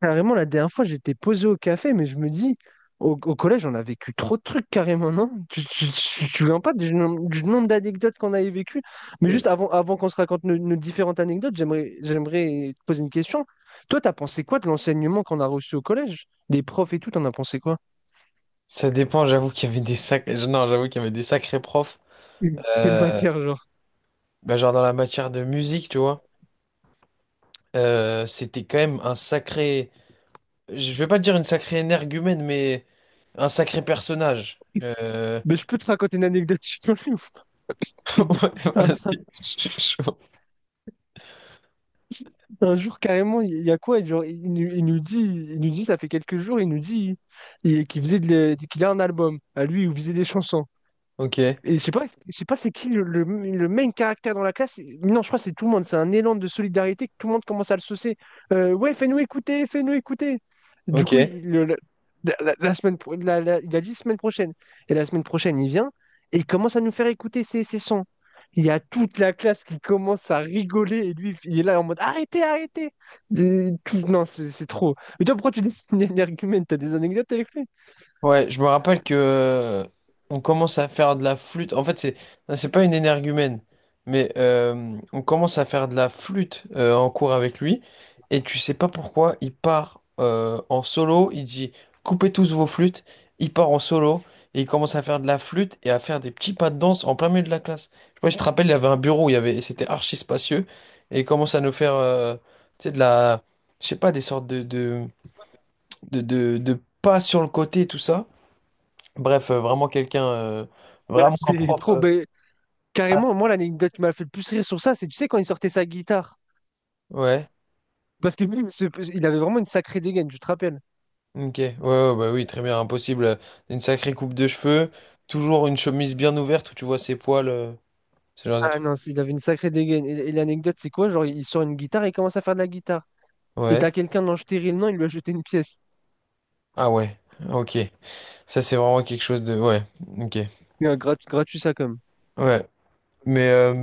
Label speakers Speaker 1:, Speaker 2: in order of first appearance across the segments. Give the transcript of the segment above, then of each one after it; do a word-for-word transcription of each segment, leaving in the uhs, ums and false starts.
Speaker 1: Carrément, la dernière fois, j'étais posé au café, mais je me dis, au, au collège, on a vécu trop de trucs carrément, non? Tu tu- tu- tu te souviens pas du, nom- du nombre d'anecdotes qu'on avait vécues? Mais juste avant, avant qu'on se raconte nos, nos différentes anecdotes, j'aimerais, j'aimerais te poser une question. Toi, t'as pensé quoi de l'enseignement qu'on a reçu au collège? Des profs et tout, t'en as pensé quoi?
Speaker 2: Ça dépend, j'avoue qu'il y avait des sac... non, j'avoue qu'il y avait des sacrés profs.
Speaker 1: Quelle
Speaker 2: Euh,
Speaker 1: matière, genre?
Speaker 2: Bah, genre dans la matière de musique, tu vois. Euh, c'était quand même un sacré. Je vais pas dire une sacrée énergumène, mais un sacré personnage. Euh,
Speaker 1: Mais je peux te raconter une anecdote, je suis
Speaker 2: ouais, vas je suis chaud.
Speaker 1: Un jour, carrément, il y a quoi? Genre, il, nous il nous dit, il nous dit, ça fait quelques jours, il nous dit il- qu'il faisait de la- qu'il a un album à lui où il faisait des chansons.
Speaker 2: Ok,
Speaker 1: Et je sais pas, je sais pas c'est qui le, le- le main caractère dans la classe. Et- Non, je crois que c'est tout le monde. C'est un élan de solidarité que tout le monde commence à le saucer. Euh, ouais, fais-nous écouter, fais-nous écouter. Du
Speaker 2: ok.
Speaker 1: coup, il, le- le- la, la- la semaine, pro- la- la- il a dit semaine prochaine. Et la semaine prochaine, il vient et il commence à nous faire écouter ses, ses sons. Il y a toute la classe qui commence à rigoler et lui, il est là en mode arrêtez, arrêtez. Et tout- non, c'est c'est trop. Mais toi, pourquoi tu dis que c'est un argument? T'as des anecdotes avec lui?
Speaker 2: Ouais, je me rappelle que euh, on commence à faire de la flûte. En fait, c'est c'est pas une énergumène, mais euh, on commence à faire de la flûte euh, en cours avec lui. Et tu sais pas pourquoi, il part euh, en solo. Il dit coupez tous vos flûtes. Il part en solo et il commence à faire de la flûte et à faire des petits pas de danse en plein milieu de la classe. Je sais pas, je te rappelle, il y avait un bureau, où il y avait, c'était archi spacieux et il commence à nous faire, euh, tu sais, de la, je sais pas, des sortes de de de, de de pas sur le côté et tout ça. Bref, euh, vraiment quelqu'un, euh,
Speaker 1: Ouais,
Speaker 2: vraiment un
Speaker 1: c'est
Speaker 2: prof.
Speaker 1: trop.
Speaker 2: Euh,
Speaker 1: Bah,
Speaker 2: ah,
Speaker 1: carrément, moi, l'anecdote qui m'a fait le plus rire sur ça, c'est, tu sais, quand il sortait sa guitare.
Speaker 2: ouais,
Speaker 1: Parce que lui, il se- il avait vraiment une sacrée dégaine, je te rappelle.
Speaker 2: ok, ouais, ouais, bah oui, très
Speaker 1: Ok.
Speaker 2: bien, impossible. euh, Une sacrée coupe de cheveux, toujours une chemise bien ouverte où tu vois ses poils, euh, ce genre de
Speaker 1: Ah
Speaker 2: truc.
Speaker 1: non, c'est- il avait une sacrée dégaine. Et, et l'anecdote, c'est quoi? Genre, il sort une guitare et il commence à faire de la guitare. Et
Speaker 2: Ouais,
Speaker 1: t'as quelqu'un dans stérile, non, il lui a jeté une pièce.
Speaker 2: ah ouais, ok, ça c'est vraiment quelque chose de. Ouais, ok,
Speaker 1: Et un grat- gratuit, ça, comme.
Speaker 2: ouais. Mais euh,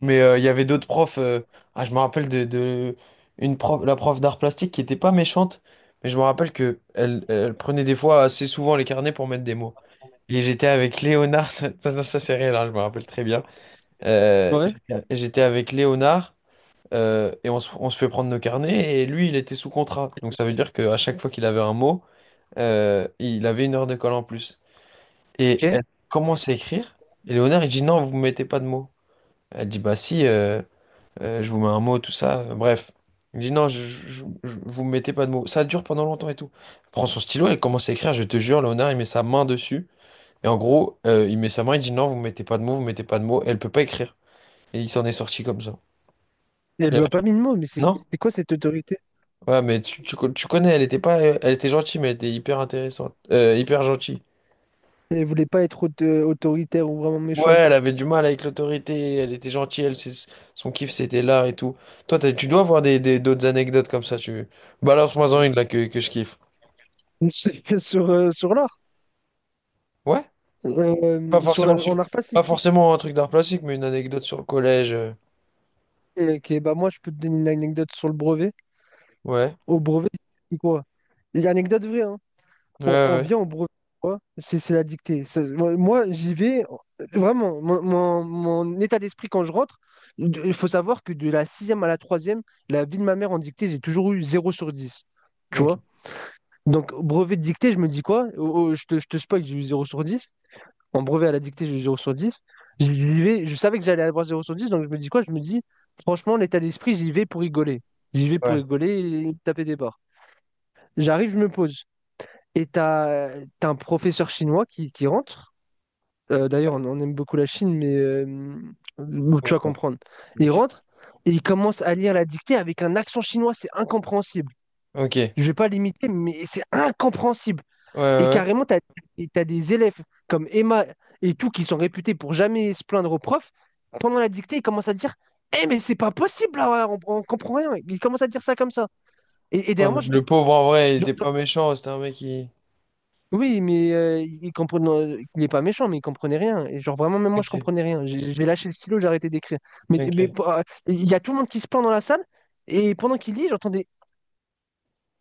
Speaker 2: mais euh, il y avait d'autres profs. Euh, ah, je me rappelle de, de une prof, la prof d'art plastique qui était pas méchante, mais je me rappelle que elle, elle prenait des fois assez souvent les carnets pour mettre des mots. Et j'étais avec Léonard, ça, ça, ça, c'est réel, hein, je me rappelle très bien. Euh,
Speaker 1: Ouais,
Speaker 2: j'étais j'étais avec Léonard euh, et on se, on se fait prendre nos carnets et lui, il était sous contrat. Donc ça veut dire qu'à chaque fois qu'il avait un mot, euh, il avait une heure de colle en plus.
Speaker 1: ok.
Speaker 2: Et elle
Speaker 1: Et
Speaker 2: commence à écrire et Léonard, il dit non, vous ne mettez pas de mots. Elle dit, bah si, euh, euh, je vous mets un mot, tout ça. Euh, bref. Il dit, non, je, je, je- je- vous me mettez pas de mots. Ça dure pendant longtemps et tout. Elle prend son stylo, elle commence à écrire, je te jure, Léonard, il met sa main dessus. Et en gros, euh, il met sa main, il dit, non, vous me mettez pas de mots, vous me mettez pas de mots. Elle peut pas écrire. Et il s'en est sorti comme ça.
Speaker 1: elle
Speaker 2: Et
Speaker 1: lui a pas
Speaker 2: après,
Speaker 1: mis de mots, mais c'est
Speaker 2: non?
Speaker 1: c'était quoi cette autorité?
Speaker 2: Ouais, mais tu, tu, co- tu connais, elle était pas, elle était gentille, mais elle était hyper intéressante. Euh, hyper gentille.
Speaker 1: Elle voulait pas être aut- euh, autoritaire ou vraiment
Speaker 2: Ouais,
Speaker 1: méchante.
Speaker 2: elle avait du mal avec l'autorité, elle était gentille, elle, c'est- son kiff c'était là et tout. Toi, t'as- tu dois avoir des, des- d'autres anecdotes comme ça, tu... Balance-moi-en une là que, que je kiffe.
Speaker 1: Sur, euh, sur l'art.
Speaker 2: Ouais? Pas
Speaker 1: Euh, sur
Speaker 2: forcément
Speaker 1: la- en
Speaker 2: sur...
Speaker 1: art
Speaker 2: Pas
Speaker 1: plastique.
Speaker 2: forcément un truc d'art plastique, mais une anecdote sur le collège. euh.
Speaker 1: Ok, bah moi, je peux te donner une anecdote sur le brevet.
Speaker 2: Ouais.
Speaker 1: Au brevet, c'est quoi? Et anecdote vraie, hein.
Speaker 2: Ouais,
Speaker 1: On, on
Speaker 2: ouais.
Speaker 1: vient au brevet, quoi. C'est c'est la dictée. Ça- moi, moi, j'y vais. euh, Vraiment, mon, mon- mon état d'esprit quand je rentre, de- il faut savoir que de la sixième à la troisième, la vie de ma mère en dictée, j'ai toujours eu zéro sur dix.
Speaker 2: Ouais.
Speaker 1: Tu
Speaker 2: Ok.
Speaker 1: vois? Donc, au brevet de dictée, je me dis quoi? Oh, oh, je te, je te spoil, j'ai eu zéro sur dix. En brevet à la dictée, j'ai eu zéro sur dix. J'y vais, je savais que j'allais avoir zéro sur dix, donc je me dis quoi? Je me dis, franchement, l'état d'esprit, j'y vais pour rigoler. J'y vais pour
Speaker 2: Ouais.
Speaker 1: rigoler et taper des barres. J'arrive, je me pose. Et t'as, t'as un professeur chinois qui, qui rentre. Euh, d'ailleurs, on, on aime beaucoup la Chine, mais euh, tu
Speaker 2: Ouais,
Speaker 1: vas
Speaker 2: ouais.
Speaker 1: comprendre. Il
Speaker 2: Ok.
Speaker 1: rentre et il commence à lire la dictée avec un accent chinois, c'est incompréhensible.
Speaker 2: Ok. Ouais,
Speaker 1: Je vais pas l'imiter, mais c'est incompréhensible.
Speaker 2: ouais.
Speaker 1: Et
Speaker 2: Ouais.
Speaker 1: carrément, tu t'as des élèves comme Emma et tout qui sont réputés pour jamais se plaindre au prof. Pendant la dictée, ils commencent à dire, eh, mais c'est pas possible, là, on, on comprend rien. Ils commencent à dire ça comme ça. Et, et
Speaker 2: Ouais,
Speaker 1: derrière
Speaker 2: mais
Speaker 1: moi,
Speaker 2: le pauvre, en vrai, il
Speaker 1: je-
Speaker 2: était pas méchant, c'était un mec qui...
Speaker 1: oui, mais euh, il comprenait, euh, il est pas méchant, mais il comprenait rien. Et genre vraiment, même moi, je
Speaker 2: Ok.
Speaker 1: comprenais rien. J'ai j'ai lâché le stylo, j'ai arrêté d'écrire. Mais, mais
Speaker 2: Ok.
Speaker 1: pour- euh, il y a tout le monde qui se plaint dans la salle, et pendant qu'il lit, j'entends des,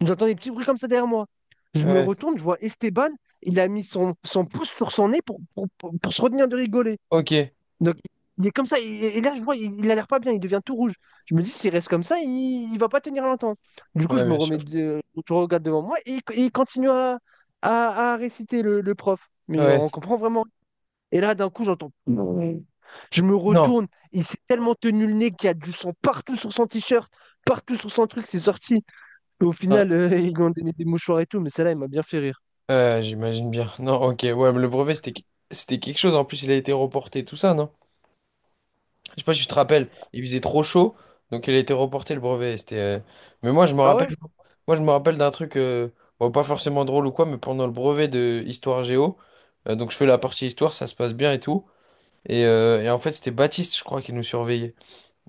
Speaker 1: j'entends des petits bruits comme ça derrière moi. Je me
Speaker 2: Ouais.
Speaker 1: retourne, je vois Esteban, il a mis son, son pouce sur son nez pour, pour, pour- pour se retenir de rigoler.
Speaker 2: Ok.
Speaker 1: Donc, il est comme ça. Et, et là, je vois, il, il a l'air pas bien. Il devient tout rouge. Je me dis, s'il reste comme ça, il, il va pas tenir longtemps. Du coup, je
Speaker 2: Ouais,
Speaker 1: me
Speaker 2: bien
Speaker 1: remets,
Speaker 2: sûr.
Speaker 1: de, je regarde devant moi et, il- et il continue à, à, à, réciter le, le prof. Mais
Speaker 2: Ouais.
Speaker 1: on comprend vraiment. Et là, d'un coup, j'entends. Je me
Speaker 2: Non.
Speaker 1: retourne. Il s'est tellement tenu le nez qu'il y a du sang partout sur son t-shirt, partout sur son truc. C'est sorti. Et au
Speaker 2: Ah,
Speaker 1: final, euh, ils lui ont donné des mouchoirs et tout. Mais celle-là, il m'a bien fait rire.
Speaker 2: Euh, j'imagine bien. Non, ok, ouais, mais le brevet, c'était que- c'était quelque chose. En plus, il a été reporté, tout ça, non? Je sais pas si tu te rappelles, il faisait trop chaud, donc il a été reporté, le brevet. C'était, euh, Mais moi, je me
Speaker 1: Ah ouais?
Speaker 2: rappelle, moi, je me rappelle d'un truc, euh, bon, pas forcément drôle ou quoi, mais pendant le brevet de Histoire Géo, euh, donc je fais la partie Histoire, ça se passe bien et tout. Et, euh, et en fait, c'était Baptiste, je crois, qui nous surveillait.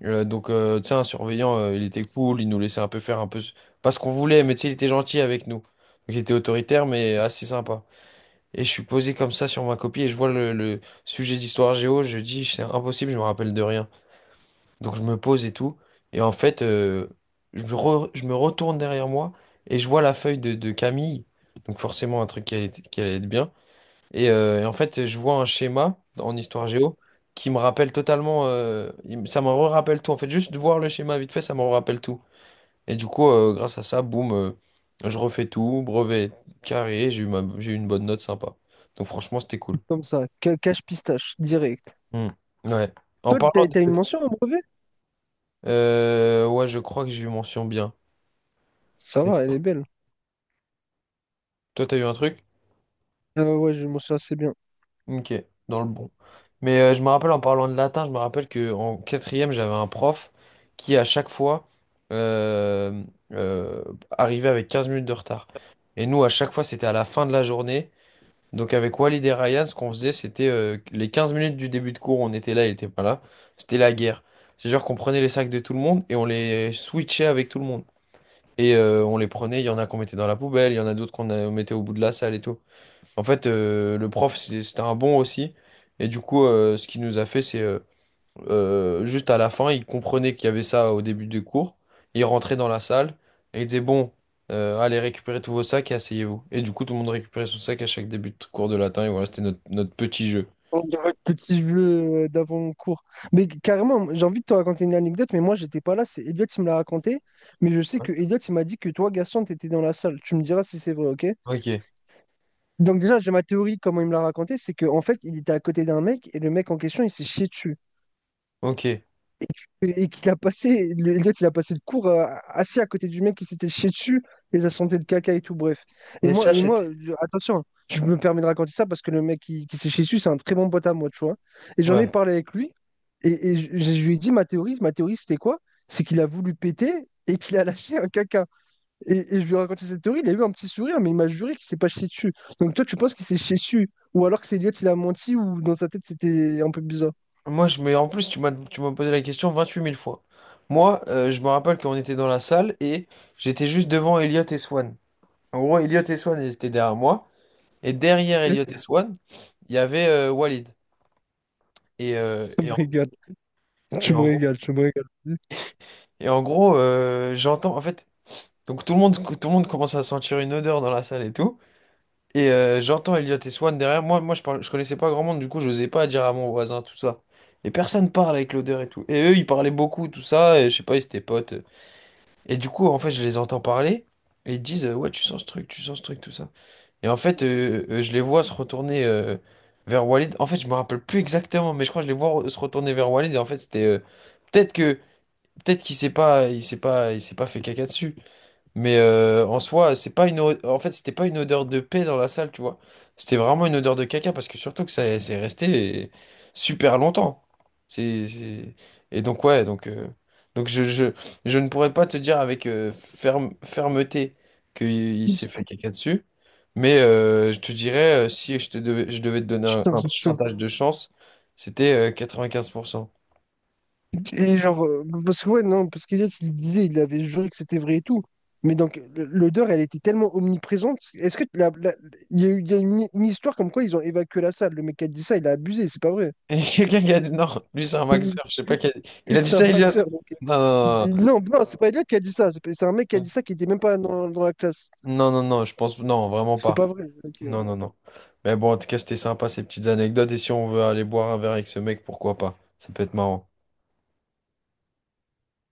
Speaker 2: Euh, donc, euh, tu sais, un surveillant, euh, il était cool, il nous laissait un peu faire un peu, ce- pas ce qu'on voulait, mais tu sais, il était gentil avec nous. Donc, il était autoritaire, mais assez sympa. Et je suis posé comme ça sur ma copie et je vois le, le sujet d'histoire géo, je dis c'est impossible, je me rappelle de rien. Donc je me pose et tout. Et en fait, euh, je me re- je me retourne derrière moi et je vois la feuille de, de Camille. Donc forcément un truc qui allait, qui allait être bien. Et, euh, et en fait, je vois un schéma en histoire géo qui me rappelle totalement, euh, il me- ça me rappelle tout. En fait, juste de voir le schéma vite fait, ça me rappelle tout. Et du coup, euh, grâce à ça, boum, euh, je refais tout, brevet carré, j'ai eu ma- j'ai eu une bonne note sympa. Donc franchement, c'était cool.
Speaker 1: Comme ça. ca- Cache pistache, direct.
Speaker 2: Hmm. Ouais. En
Speaker 1: Toi,
Speaker 2: parlant
Speaker 1: t'as, t'as une
Speaker 2: de...
Speaker 1: mention au brevet?
Speaker 2: euh, ouais, je crois que j'ai eu mention bien.
Speaker 1: Ça
Speaker 2: Et
Speaker 1: va, elle est belle.
Speaker 2: toi, t'as eu un truc?
Speaker 1: Euh, ouais, je m'en souviens assez bien.
Speaker 2: Ok, dans le bon. Mais euh, je me rappelle en parlant de latin, je me rappelle que en quatrième, j'avais un prof qui, à chaque fois, euh, euh, arrivait avec quinze minutes de retard. Et nous, à chaque fois, c'était à la fin de la journée. Donc avec Walid et Ryan, ce qu'on faisait, c'était euh, les quinze minutes du début de cours, on était là, il était pas là. C'était la guerre. C'est genre qu'on prenait les sacs de tout le monde et on les switchait avec tout le monde. Et euh, on les prenait, il y en a qu'on mettait dans la poubelle, il y en a d'autres qu'on euh, mettait au bout de la salle et tout. En fait, euh, le prof, c'est- c'était un bon aussi. Et du coup, euh, ce qu'il nous a fait, c'est euh, euh, juste à la fin, il comprenait qu'il y avait ça au début du cours. Il rentrait dans la salle et il disait, bon, euh, allez récupérer tous vos sacs et asseyez-vous. Et du coup, tout le monde récupérait son sac à chaque début de cours de latin. Et voilà, c'était notre, notre petit jeu.
Speaker 1: On dirait le petit jeu euh, d'avant mon cours. Mais carrément, j'ai envie de te raconter une anecdote, mais moi, j'étais pas là. C'est Elliot qui me l'a raconté. Mais je sais
Speaker 2: Ouais.
Speaker 1: que Elliot, il m'a dit que toi, Gaston, t'étais dans la salle. Tu me diras si c'est vrai, ok?
Speaker 2: Ok,
Speaker 1: Donc, déjà, j'ai ma théorie, comment il me l'a raconté. C'est qu'en fait, il était à côté d'un mec et le mec en question, il s'est chié dessus.
Speaker 2: ok.
Speaker 1: Et et qu'il a passé, le- Elliot, il a passé le cours euh, assis à côté du mec qui s'était chié dessus, les a senté de caca et tout, bref. Et
Speaker 2: Mais
Speaker 1: moi,
Speaker 2: ça,
Speaker 1: et moi,
Speaker 2: c'était.
Speaker 1: je- attention, je me permets de raconter ça parce que le mec qui, qui s'est chié dessus, c'est un très bon pote à moi, tu vois. Et j'en ai
Speaker 2: Ouais.
Speaker 1: parlé avec lui, et, et je, je lui ai dit ma théorie, ma théorie c'était quoi? C'est qu'il a voulu péter et qu'il a lâché un caca. Et, et je lui ai raconté cette théorie, il a eu un petit sourire, mais il m'a juré qu'il s'est pas chié dessus. Donc toi, tu penses qu'il s'est chié dessus? Ou alors que c'est Elliot, il a menti, ou dans sa tête, c'était un peu bizarre.
Speaker 2: Moi, je me... en plus, tu m'as tu m'as posé la question vingt-huit mille fois. Moi, euh, je me rappelle qu'on était dans la salle et j'étais juste devant Elliot et Swan. En gros, Elliot et Swan, ils étaient derrière moi. Et derrière Elliot et Swan, il y avait euh, Walid. Et, euh,
Speaker 1: Ça
Speaker 2: et,
Speaker 1: me
Speaker 2: en,
Speaker 1: régale.
Speaker 2: et
Speaker 1: Je me
Speaker 2: en gros,
Speaker 1: régale, je me régale.
Speaker 2: et en gros, euh, j'entends, en fait, donc tout le monde, tout le monde commence à sentir une odeur dans la salle et tout. Et euh, j'entends Elliot et Swan derrière moi. Moi, je parle, je connaissais pas grand monde, du coup, j'osais pas dire à mon voisin tout ça. Et personne parle avec l'odeur et tout. Et eux, ils parlaient beaucoup, tout ça. Et je sais pas, ils étaient potes. Et du coup, en fait, je les entends parler et ils disent euh, ouais, tu sens ce truc, tu sens ce truc, tout ça. Et en fait, euh, euh, je les vois se retourner euh, vers Walid. En fait, je me rappelle plus exactement, mais je crois que je les vois re- se retourner vers Walid. Et en fait, c'était euh, peut-être que peut-être qu'il s'est pas, il s'est pas, il s'est pas fait caca dessus. Mais euh, en soi, c'est pas une o- en fait, c'était pas une odeur de paix dans la salle, tu vois. C'était vraiment une odeur de caca parce que surtout que ça c'est resté super longtemps. C'est c'est- et donc ouais, donc euh, donc je, je je ne pourrais pas te dire avec euh, ferme fermeté qu'il il s'est fait caca dessus, mais euh, je te dirais euh, si je te devais je devais te donner un,
Speaker 1: Putain,
Speaker 2: un
Speaker 1: c'est chaud.
Speaker 2: pourcentage de chance, c'était euh, quatre-vingt-quinze pour cent.
Speaker 1: Et genre, euh, parce que ouais, non, parce qu'Eliott, il disait, il avait juré que c'était vrai et tout. Mais donc, l'odeur, elle était tellement omniprésente. Est-ce que la- la- il y a eu, il y a une, une histoire comme quoi ils ont évacué la salle. Le mec qui a dit ça, il a abusé, c'est pas vrai.
Speaker 2: Et quelqu'un qui a dit non, lui c'est un maxeur, je sais pas qui a dit- Il a dit
Speaker 1: C'est un
Speaker 2: ça, Elliot.
Speaker 1: facteur. Donc.
Speaker 2: Non,
Speaker 1: Il dit-
Speaker 2: non.
Speaker 1: Non, non, c'est pas Elliot qui a dit ça. C'est pas- C'est un mec qui a
Speaker 2: Non.
Speaker 1: dit ça qui était même pas dans, dans la classe.
Speaker 2: Non, non, non, je pense... Non, vraiment
Speaker 1: C'est
Speaker 2: pas.
Speaker 1: pas vrai.
Speaker 2: Non, non, non. Mais bon, en tout cas, c'était sympa ces petites anecdotes. Et si on veut aller boire un verre avec ce mec, pourquoi pas? Ça peut être marrant.